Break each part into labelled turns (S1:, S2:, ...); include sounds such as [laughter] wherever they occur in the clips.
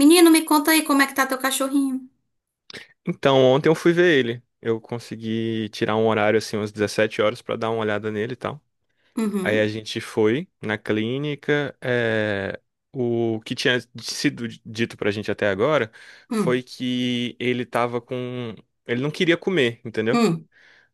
S1: Menino, me conta aí como é que tá teu cachorrinho.
S2: Então, ontem eu fui ver ele. Eu consegui tirar um horário, assim, umas 17 horas pra dar uma olhada nele e tal. Aí
S1: Uhum.
S2: a gente foi na clínica. O que tinha sido dito pra gente até agora foi
S1: Hum.
S2: que ele tava com. Ele não queria comer, entendeu?
S1: Hum.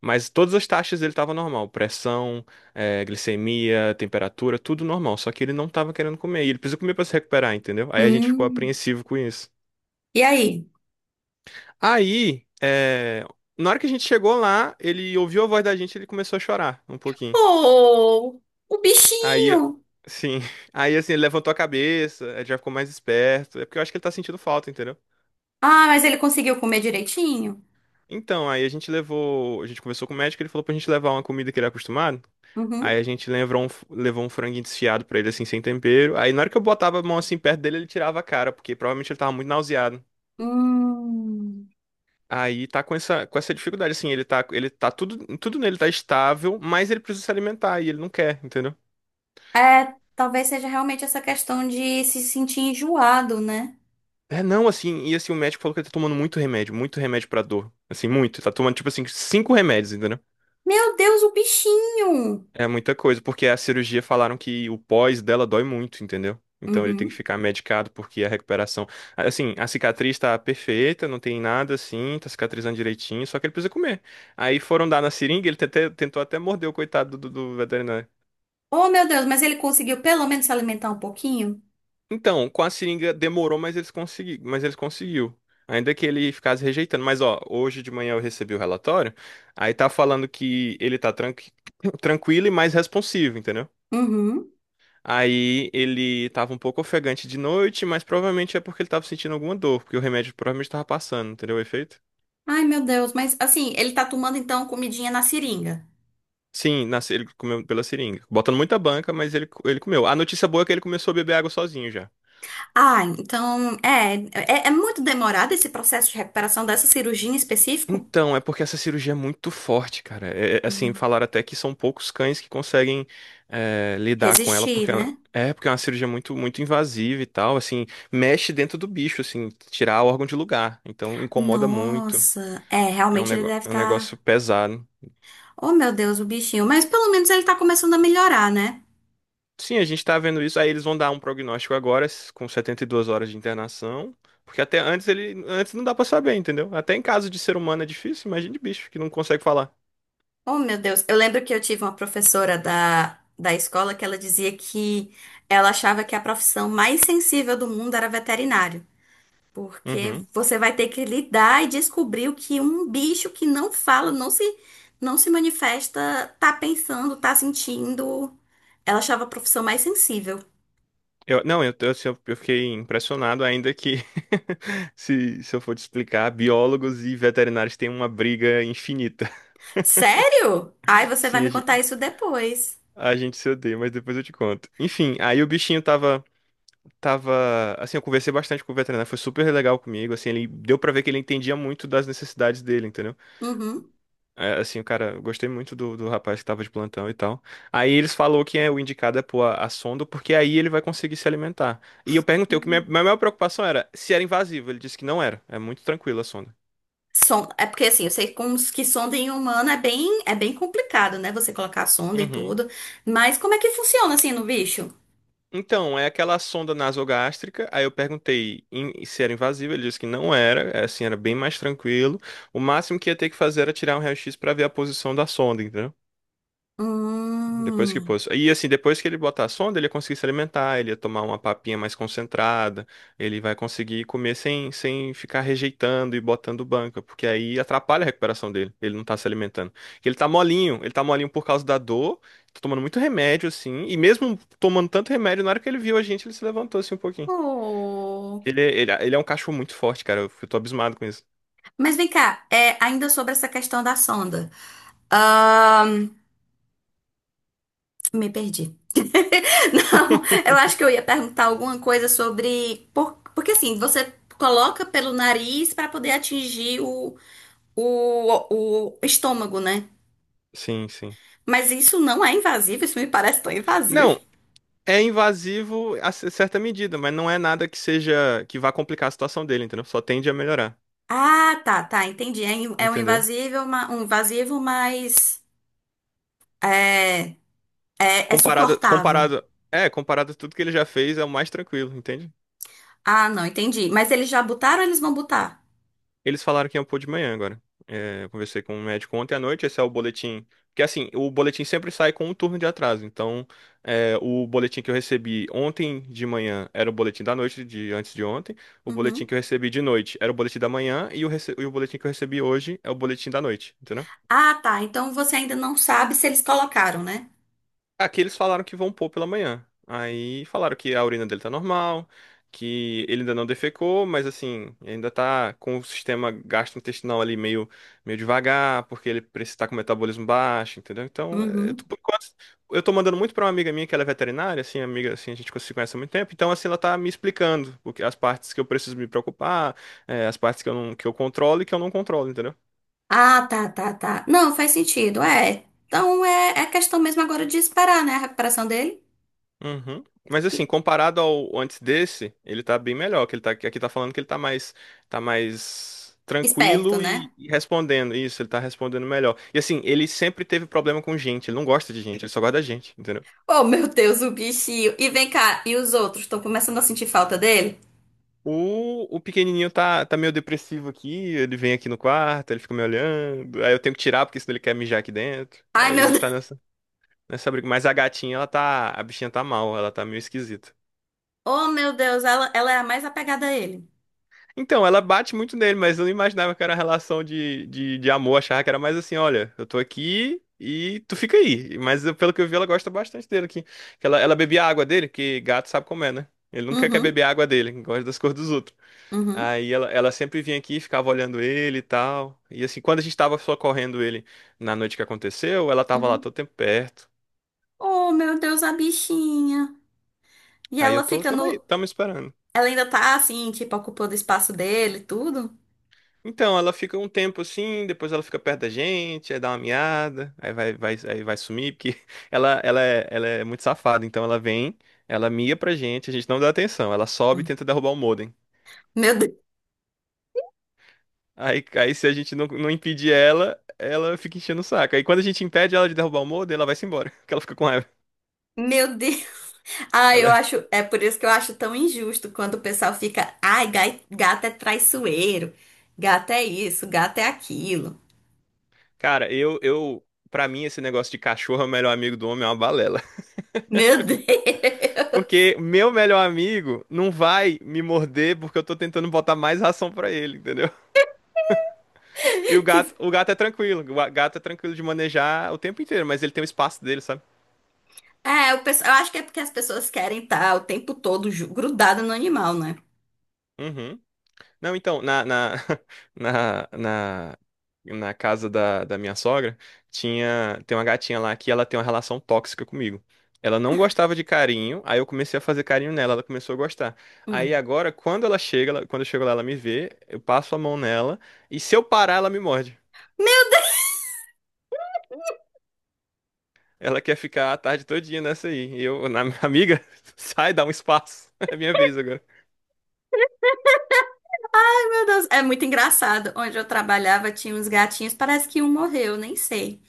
S2: Mas todas as taxas dele tava normal: pressão, glicemia, temperatura, tudo normal. Só que ele não tava querendo comer. E ele precisa comer pra se recuperar, entendeu? Aí a gente ficou
S1: Hum.
S2: apreensivo com isso.
S1: E aí?
S2: Aí, na hora que a gente chegou lá, ele ouviu a voz da gente, ele começou a chorar um pouquinho.
S1: Oh, o
S2: Aí,
S1: bichinho!
S2: sim. [laughs] Aí, assim, ele levantou a cabeça, ele já ficou mais esperto. É porque eu acho que ele tá sentindo falta, entendeu?
S1: Ah, mas ele conseguiu comer direitinho?
S2: Então, aí a gente levou. A gente conversou com o médico, ele falou pra gente levar uma comida que ele é acostumado.
S1: Uhum.
S2: Aí a gente levou um franguinho desfiado pra ele, assim, sem tempero. Aí, na hora que eu botava a mão assim perto dele, ele tirava a cara, porque provavelmente ele tava muito nauseado.
S1: Hum.
S2: Aí tá com com essa dificuldade, assim, ele tá tudo, tudo nele tá estável, mas ele precisa se alimentar e ele não quer, entendeu?
S1: É, talvez seja realmente essa questão de se sentir enjoado, né?
S2: É, não, assim, e assim, o médico falou que ele tá tomando muito remédio pra dor, assim, muito, tá tomando, tipo assim, cinco remédios, entendeu?
S1: Meu Deus, o bichinho!
S2: É muita coisa, porque a cirurgia falaram que o pós dela dói muito, entendeu? Então ele tem que
S1: Uhum.
S2: ficar medicado porque a recuperação, assim, a cicatriz tá perfeita, não tem nada, assim, tá cicatrizando direitinho, só que ele precisa comer. Aí foram dar na seringa, ele tentou até morder o coitado do veterinário.
S1: Oh, meu Deus, mas ele conseguiu pelo menos se alimentar um pouquinho?
S2: Então, com a seringa demorou, mas mas eles conseguiu. Ainda que ele ficasse rejeitando. Mas, ó, hoje de manhã eu recebi o relatório. Aí tá falando que ele [coughs] [clears throat] tranquilo e mais responsivo, entendeu?
S1: Uhum.
S2: Aí ele tava um pouco ofegante de noite, mas provavelmente é porque ele tava sentindo alguma dor, porque o remédio provavelmente tava passando, entendeu o efeito?
S1: Ai, meu Deus, mas assim, ele tá tomando então comidinha na seringa.
S2: Sim, na... se- ele comeu pela seringa. Botando muita banca, mas ele comeu. A notícia boa é que ele começou a beber água sozinho já.
S1: Ah, então, é muito demorado esse processo de recuperação dessa cirurgia em específico?
S2: Então, é porque essa cirurgia é muito forte, cara. Assim,
S1: Hum,
S2: falaram até que são poucos cães que conseguem lidar com ela,
S1: resistir,
S2: porque ela
S1: né?
S2: é porque é uma cirurgia muito muito invasiva e tal, assim, mexe dentro do bicho, assim, tirar o órgão de lugar. Então, incomoda muito.
S1: Nossa, é, realmente ele deve
S2: É um negócio
S1: estar.
S2: pesado.
S1: Oh, meu Deus, o bichinho. Mas pelo menos ele tá começando a melhorar, né?
S2: Sim, a gente tá vendo isso. Aí eles vão dar um prognóstico agora, com 72 horas de internação, porque até antes ele antes não dá pra saber, entendeu? Até em caso de ser humano é difícil, imagina de bicho que não consegue falar.
S1: Oh, meu Deus. Eu lembro que eu tive uma professora da escola que ela dizia que ela achava que a profissão mais sensível do mundo era veterinário. Porque
S2: Uhum.
S1: você vai ter que lidar e descobrir o que um bicho que não fala, não se manifesta, tá pensando, tá sentindo. Ela achava a profissão mais sensível.
S2: Eu, não, eu, tô- assim, eu fiquei impressionado ainda que, [laughs] se eu for te explicar, biólogos e veterinários têm uma briga infinita.
S1: Sério? Ai,
S2: [laughs]
S1: você vai
S2: Sim,
S1: me contar isso depois.
S2: a gente se odeia, mas depois eu te conto. Enfim, aí tava, assim, eu conversei bastante com o veterinário, foi super legal comigo, assim, ele deu pra ver que ele entendia muito das necessidades dele, entendeu?
S1: Uhum.
S2: É, assim, o cara, eu gostei muito do rapaz que tava de plantão e tal. Aí eles falou que o indicado é pôr a sonda, porque aí ele vai conseguir se alimentar. E eu perguntei, o que
S1: Uhum.
S2: minha maior preocupação era se era invasivo. Ele disse que não era. É muito tranquila a sonda.
S1: É porque assim, eu sei como os que sonda em humano é bem complicado, né? Você colocar a sonda e
S2: Uhum.
S1: tudo. Mas como é que funciona assim no bicho?
S2: Então, é aquela sonda nasogástrica. Aí eu perguntei se era invasivo. Ele disse que não era. Assim, era bem mais tranquilo. O máximo que ia ter que fazer era tirar um raio-x pra ver a posição da sonda, entendeu? Depois que
S1: Hum.
S2: pôs. E assim, depois que ele botar a sonda, ele ia conseguir se alimentar, ele ia tomar uma papinha mais concentrada, ele vai conseguir comer sem ficar rejeitando e botando banca, porque aí atrapalha a recuperação dele, ele não tá se alimentando. Porque ele tá molinho por causa da dor, tá tomando muito remédio, assim, e mesmo tomando tanto remédio, na hora que ele viu a gente, ele se levantou assim um pouquinho.
S1: Oh.
S2: Ele é um cachorro muito forte, cara, eu tô abismado com isso.
S1: Mas vem cá, é, ainda sobre essa questão da sonda. Ahn, me perdi. [laughs] Não, eu acho que eu ia perguntar alguma coisa sobre. Porque assim, você coloca pelo nariz para poder atingir o estômago, né?
S2: Sim, sim.
S1: Mas isso não é invasivo, isso me parece tão invasivo.
S2: Não, é invasivo a certa medida, mas não é nada que seja que vá complicar a situação dele, entendeu? Só tende a melhorar,
S1: Ah, tá, tá, entendi. É, é um
S2: entendeu?
S1: um invasivo, mas é, é
S2: Comparado,
S1: suportável.
S2: comparado, comparado a tudo que ele já fez, é o mais tranquilo, entende?
S1: Ah, não, entendi. Mas eles já botaram ou eles vão botar?
S2: Eles falaram que iam pôr de manhã agora. É, eu conversei com um médico ontem à noite, esse é o boletim. Porque assim, o boletim sempre sai com um turno de atraso. Então, é, o boletim que eu recebi ontem de manhã era o boletim da noite, de antes de ontem. O boletim
S1: Uhum.
S2: que eu recebi de noite era o boletim da manhã. E o boletim que eu recebi hoje é o boletim da noite, entendeu?
S1: Ah, tá. Então você ainda não sabe se eles colocaram, né?
S2: Aqui eles falaram que vão pôr pela manhã. Aí falaram que a urina dele tá normal, que ele ainda não defecou, mas assim, ainda tá com o sistema gastrointestinal meio devagar, porque ele precisa tá com o metabolismo baixo, entendeu? Então,
S1: Uhum.
S2: por enquanto, eu tô mandando muito pra uma amiga minha que ela é veterinária, assim, amiga, assim, a gente se conhece há muito tempo, então assim, ela tá me explicando as partes que eu preciso me preocupar, é, as partes que eu não, que eu controlo e que eu não controlo, entendeu?
S1: Ah, tá. Não, faz sentido, é. Então é, é questão mesmo agora de esperar, né, a recuperação dele.
S2: Uhum. Mas
S1: E,
S2: assim, comparado ao antes desse, ele tá bem melhor, que ele tá aqui tá falando que ele tá mais
S1: esperto,
S2: tranquilo
S1: né?
S2: e respondendo isso, ele tá respondendo melhor. E assim, ele sempre teve problema com gente, ele não gosta de gente, ele só gosta da gente, entendeu?
S1: Oh, meu Deus, o bichinho. E vem cá, e os outros? Estão começando a sentir falta dele?
S2: O pequenininho tá meio depressivo aqui, ele vem aqui no quarto, ele fica me olhando, aí eu tenho que tirar porque senão ele quer mijar aqui dentro.
S1: Ai,
S2: Aí a
S1: meu
S2: gente tá
S1: Deus. [laughs]
S2: nessa briga, mas a bichinha tá mal, ela tá meio esquisita.
S1: Oh, meu Deus, ela é a mais apegada a ele.
S2: Então, ela bate muito nele, mas eu não imaginava que era relação de amor. Achava que era mais assim, olha, eu tô aqui e tu fica aí. Mas pelo que eu vi, ela gosta bastante dele aqui. Ela bebia a água dele, que gato sabe como é, né? Ele nunca quer
S1: Uhum,
S2: beber a água dele, gosta das cores dos outros.
S1: uhum,
S2: Ela sempre vinha aqui, ficava olhando ele e tal. E assim, quando a gente tava socorrendo ele na noite que aconteceu, ela tava lá
S1: uhum.
S2: todo tempo perto.
S1: Oh, meu Deus, a bichinha. E ela fica
S2: Tamo aí,
S1: no.
S2: tamo esperando.
S1: Ela ainda tá assim, tipo, ocupando o espaço dele, e tudo.
S2: Então, ela fica um tempo assim, depois ela fica perto da gente, aí dá uma miada, aí vai sumir, porque [laughs] ela é muito safada, então ela vem, ela mia pra gente, a gente não dá atenção, ela sobe e
S1: Hum.
S2: tenta derrubar o modem.
S1: Meu Deus.
S2: Aí se a gente não impedir ela, ela fica enchendo o saco. Aí quando a gente impede ela de derrubar o modem, ela vai-se embora, [laughs] porque ela fica com raiva.
S1: Meu Deus. Ah,
S2: Ela,
S1: eu
S2: é-
S1: acho, é por isso que eu acho tão injusto quando o pessoal fica, ai, gato é traiçoeiro, gato é isso, gato é aquilo.
S2: cara, eu, pra mim esse negócio de cachorro é o melhor amigo do homem é uma balela. [laughs]
S1: Meu Deus! [laughs]
S2: Porque meu melhor amigo não vai me morder porque eu tô tentando botar mais ração pra ele, entendeu? E
S1: Que,
S2: o gato é tranquilo. O gato é tranquilo de manejar o tempo inteiro, mas ele tem o espaço dele, sabe?
S1: é, o pessoal, eu acho que é porque as pessoas querem estar o tempo todo grudada no animal, né?
S2: Uhum. Não, então, [laughs] na, na, na casa da minha sogra, tem uma gatinha lá que ela tem uma relação tóxica comigo. Ela não gostava de carinho, aí eu comecei a fazer carinho nela, ela começou a gostar. Aí
S1: Hum.
S2: agora, quando eu chego lá, ela me vê, eu passo a mão nela, e se eu parar, ela me morde. Ela quer ficar a tarde todinha nessa aí. E eu, na [laughs] amiga, sai, dá um espaço. É minha vez agora.
S1: Meu Deus, é muito engraçado. Onde eu trabalhava tinha uns gatinhos, parece que um morreu, nem sei.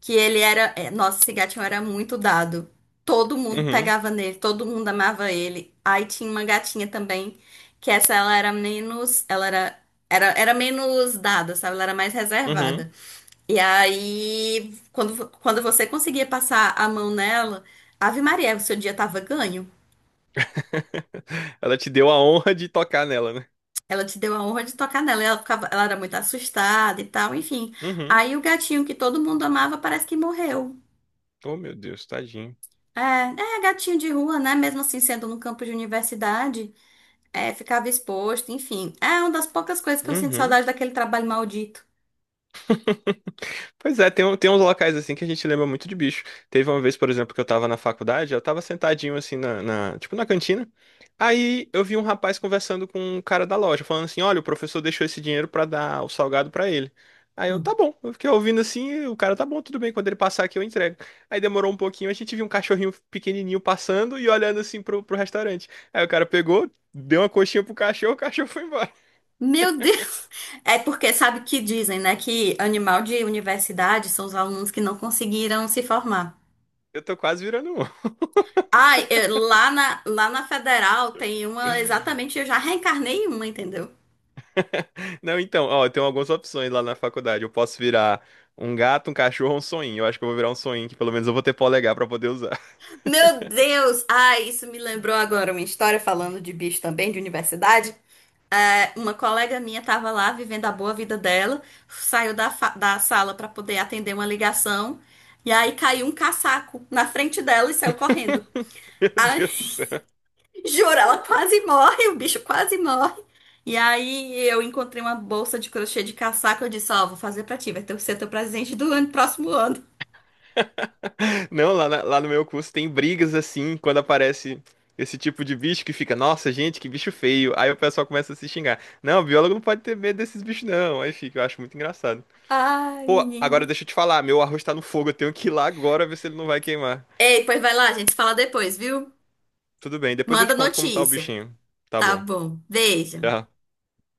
S1: Que ele era, é, nossa, esse gatinho era muito dado. Todo mundo
S2: Uhum,
S1: pegava nele, todo mundo amava ele. Aí tinha uma gatinha também, que essa ela era menos, era menos dada, sabe? Ela era mais
S2: uhum.
S1: reservada. E aí, quando você conseguia passar a mão nela, Ave Maria, o seu dia tava ganho.
S2: [laughs] Ela te deu a honra de tocar nela, né?
S1: Ela te deu a honra de tocar nela. E ela ficava, ela era muito assustada e tal, enfim.
S2: Uhum.
S1: Aí o gatinho que todo mundo amava parece que morreu.
S2: Oh, meu Deus, tadinho.
S1: É, é gatinho de rua, né? Mesmo assim, sendo no campo de universidade, é, ficava exposto, enfim. É uma das poucas coisas que eu sinto
S2: Uhum.
S1: saudade daquele trabalho maldito.
S2: Pois é, tem uns locais assim que a gente lembra muito de bicho. Teve uma vez, por exemplo, que eu tava na faculdade, eu tava sentadinho assim tipo na cantina. Aí eu vi um rapaz conversando com um cara da loja, falando assim: "Olha, o professor deixou esse dinheiro pra dar o salgado pra ele". Aí eu, tá
S1: Hum.
S2: bom. Eu fiquei ouvindo assim, e o cara, tá bom, tudo bem, quando ele passar aqui eu entrego. Aí demorou um pouquinho, a gente viu um cachorrinho pequenininho passando e olhando assim pro restaurante. Aí o cara pegou, deu uma coxinha pro cachorro, o cachorro foi embora.
S1: Meu [laughs] Deus! É porque sabe que dizem, né? Que animal de universidade são os alunos que não conseguiram se formar.
S2: Eu tô quase virando um.
S1: Ai, lá na Federal tem uma exatamente, eu já reencarnei em uma, entendeu?
S2: Não, então, ó, tem algumas opções lá na faculdade. Eu posso virar um gato, um cachorro ou um soninho. Eu acho que eu vou virar um soninho, que pelo menos eu vou ter polegar pra poder usar.
S1: Meu Deus! Ai, isso me lembrou agora uma história falando de bicho também, de universidade. É, uma colega minha estava lá vivendo a boa vida dela, saiu da sala para poder atender uma ligação, e aí caiu um caçaco na frente dela e saiu correndo.
S2: [laughs] Meu
S1: Ai,
S2: Deus do céu.
S1: [laughs] juro, ela quase morre, o bicho quase morre. E aí eu encontrei uma bolsa de crochê de caçaco, eu disse, ó, vou fazer pra ti, vai ter que ser teu presente do ano, próximo ano.
S2: Não, lá no meu curso tem brigas assim, quando aparece esse tipo de bicho que fica, nossa, gente, que bicho feio. Aí o pessoal começa a se xingar. Não, biólogo não pode ter medo desses bichos, não. Aí fica, eu acho muito engraçado.
S1: Ai,
S2: Pô,
S1: menino.
S2: agora deixa eu te falar, meu arroz tá no fogo, eu tenho que ir lá agora ver se ele não vai queimar.
S1: Ei, pois vai lá, a gente se fala depois, viu?
S2: Tudo bem, depois eu
S1: Manda
S2: te conto como tá o
S1: notícia.
S2: bichinho. Tá
S1: Tá
S2: bom.
S1: bom, beijo.
S2: Tchau.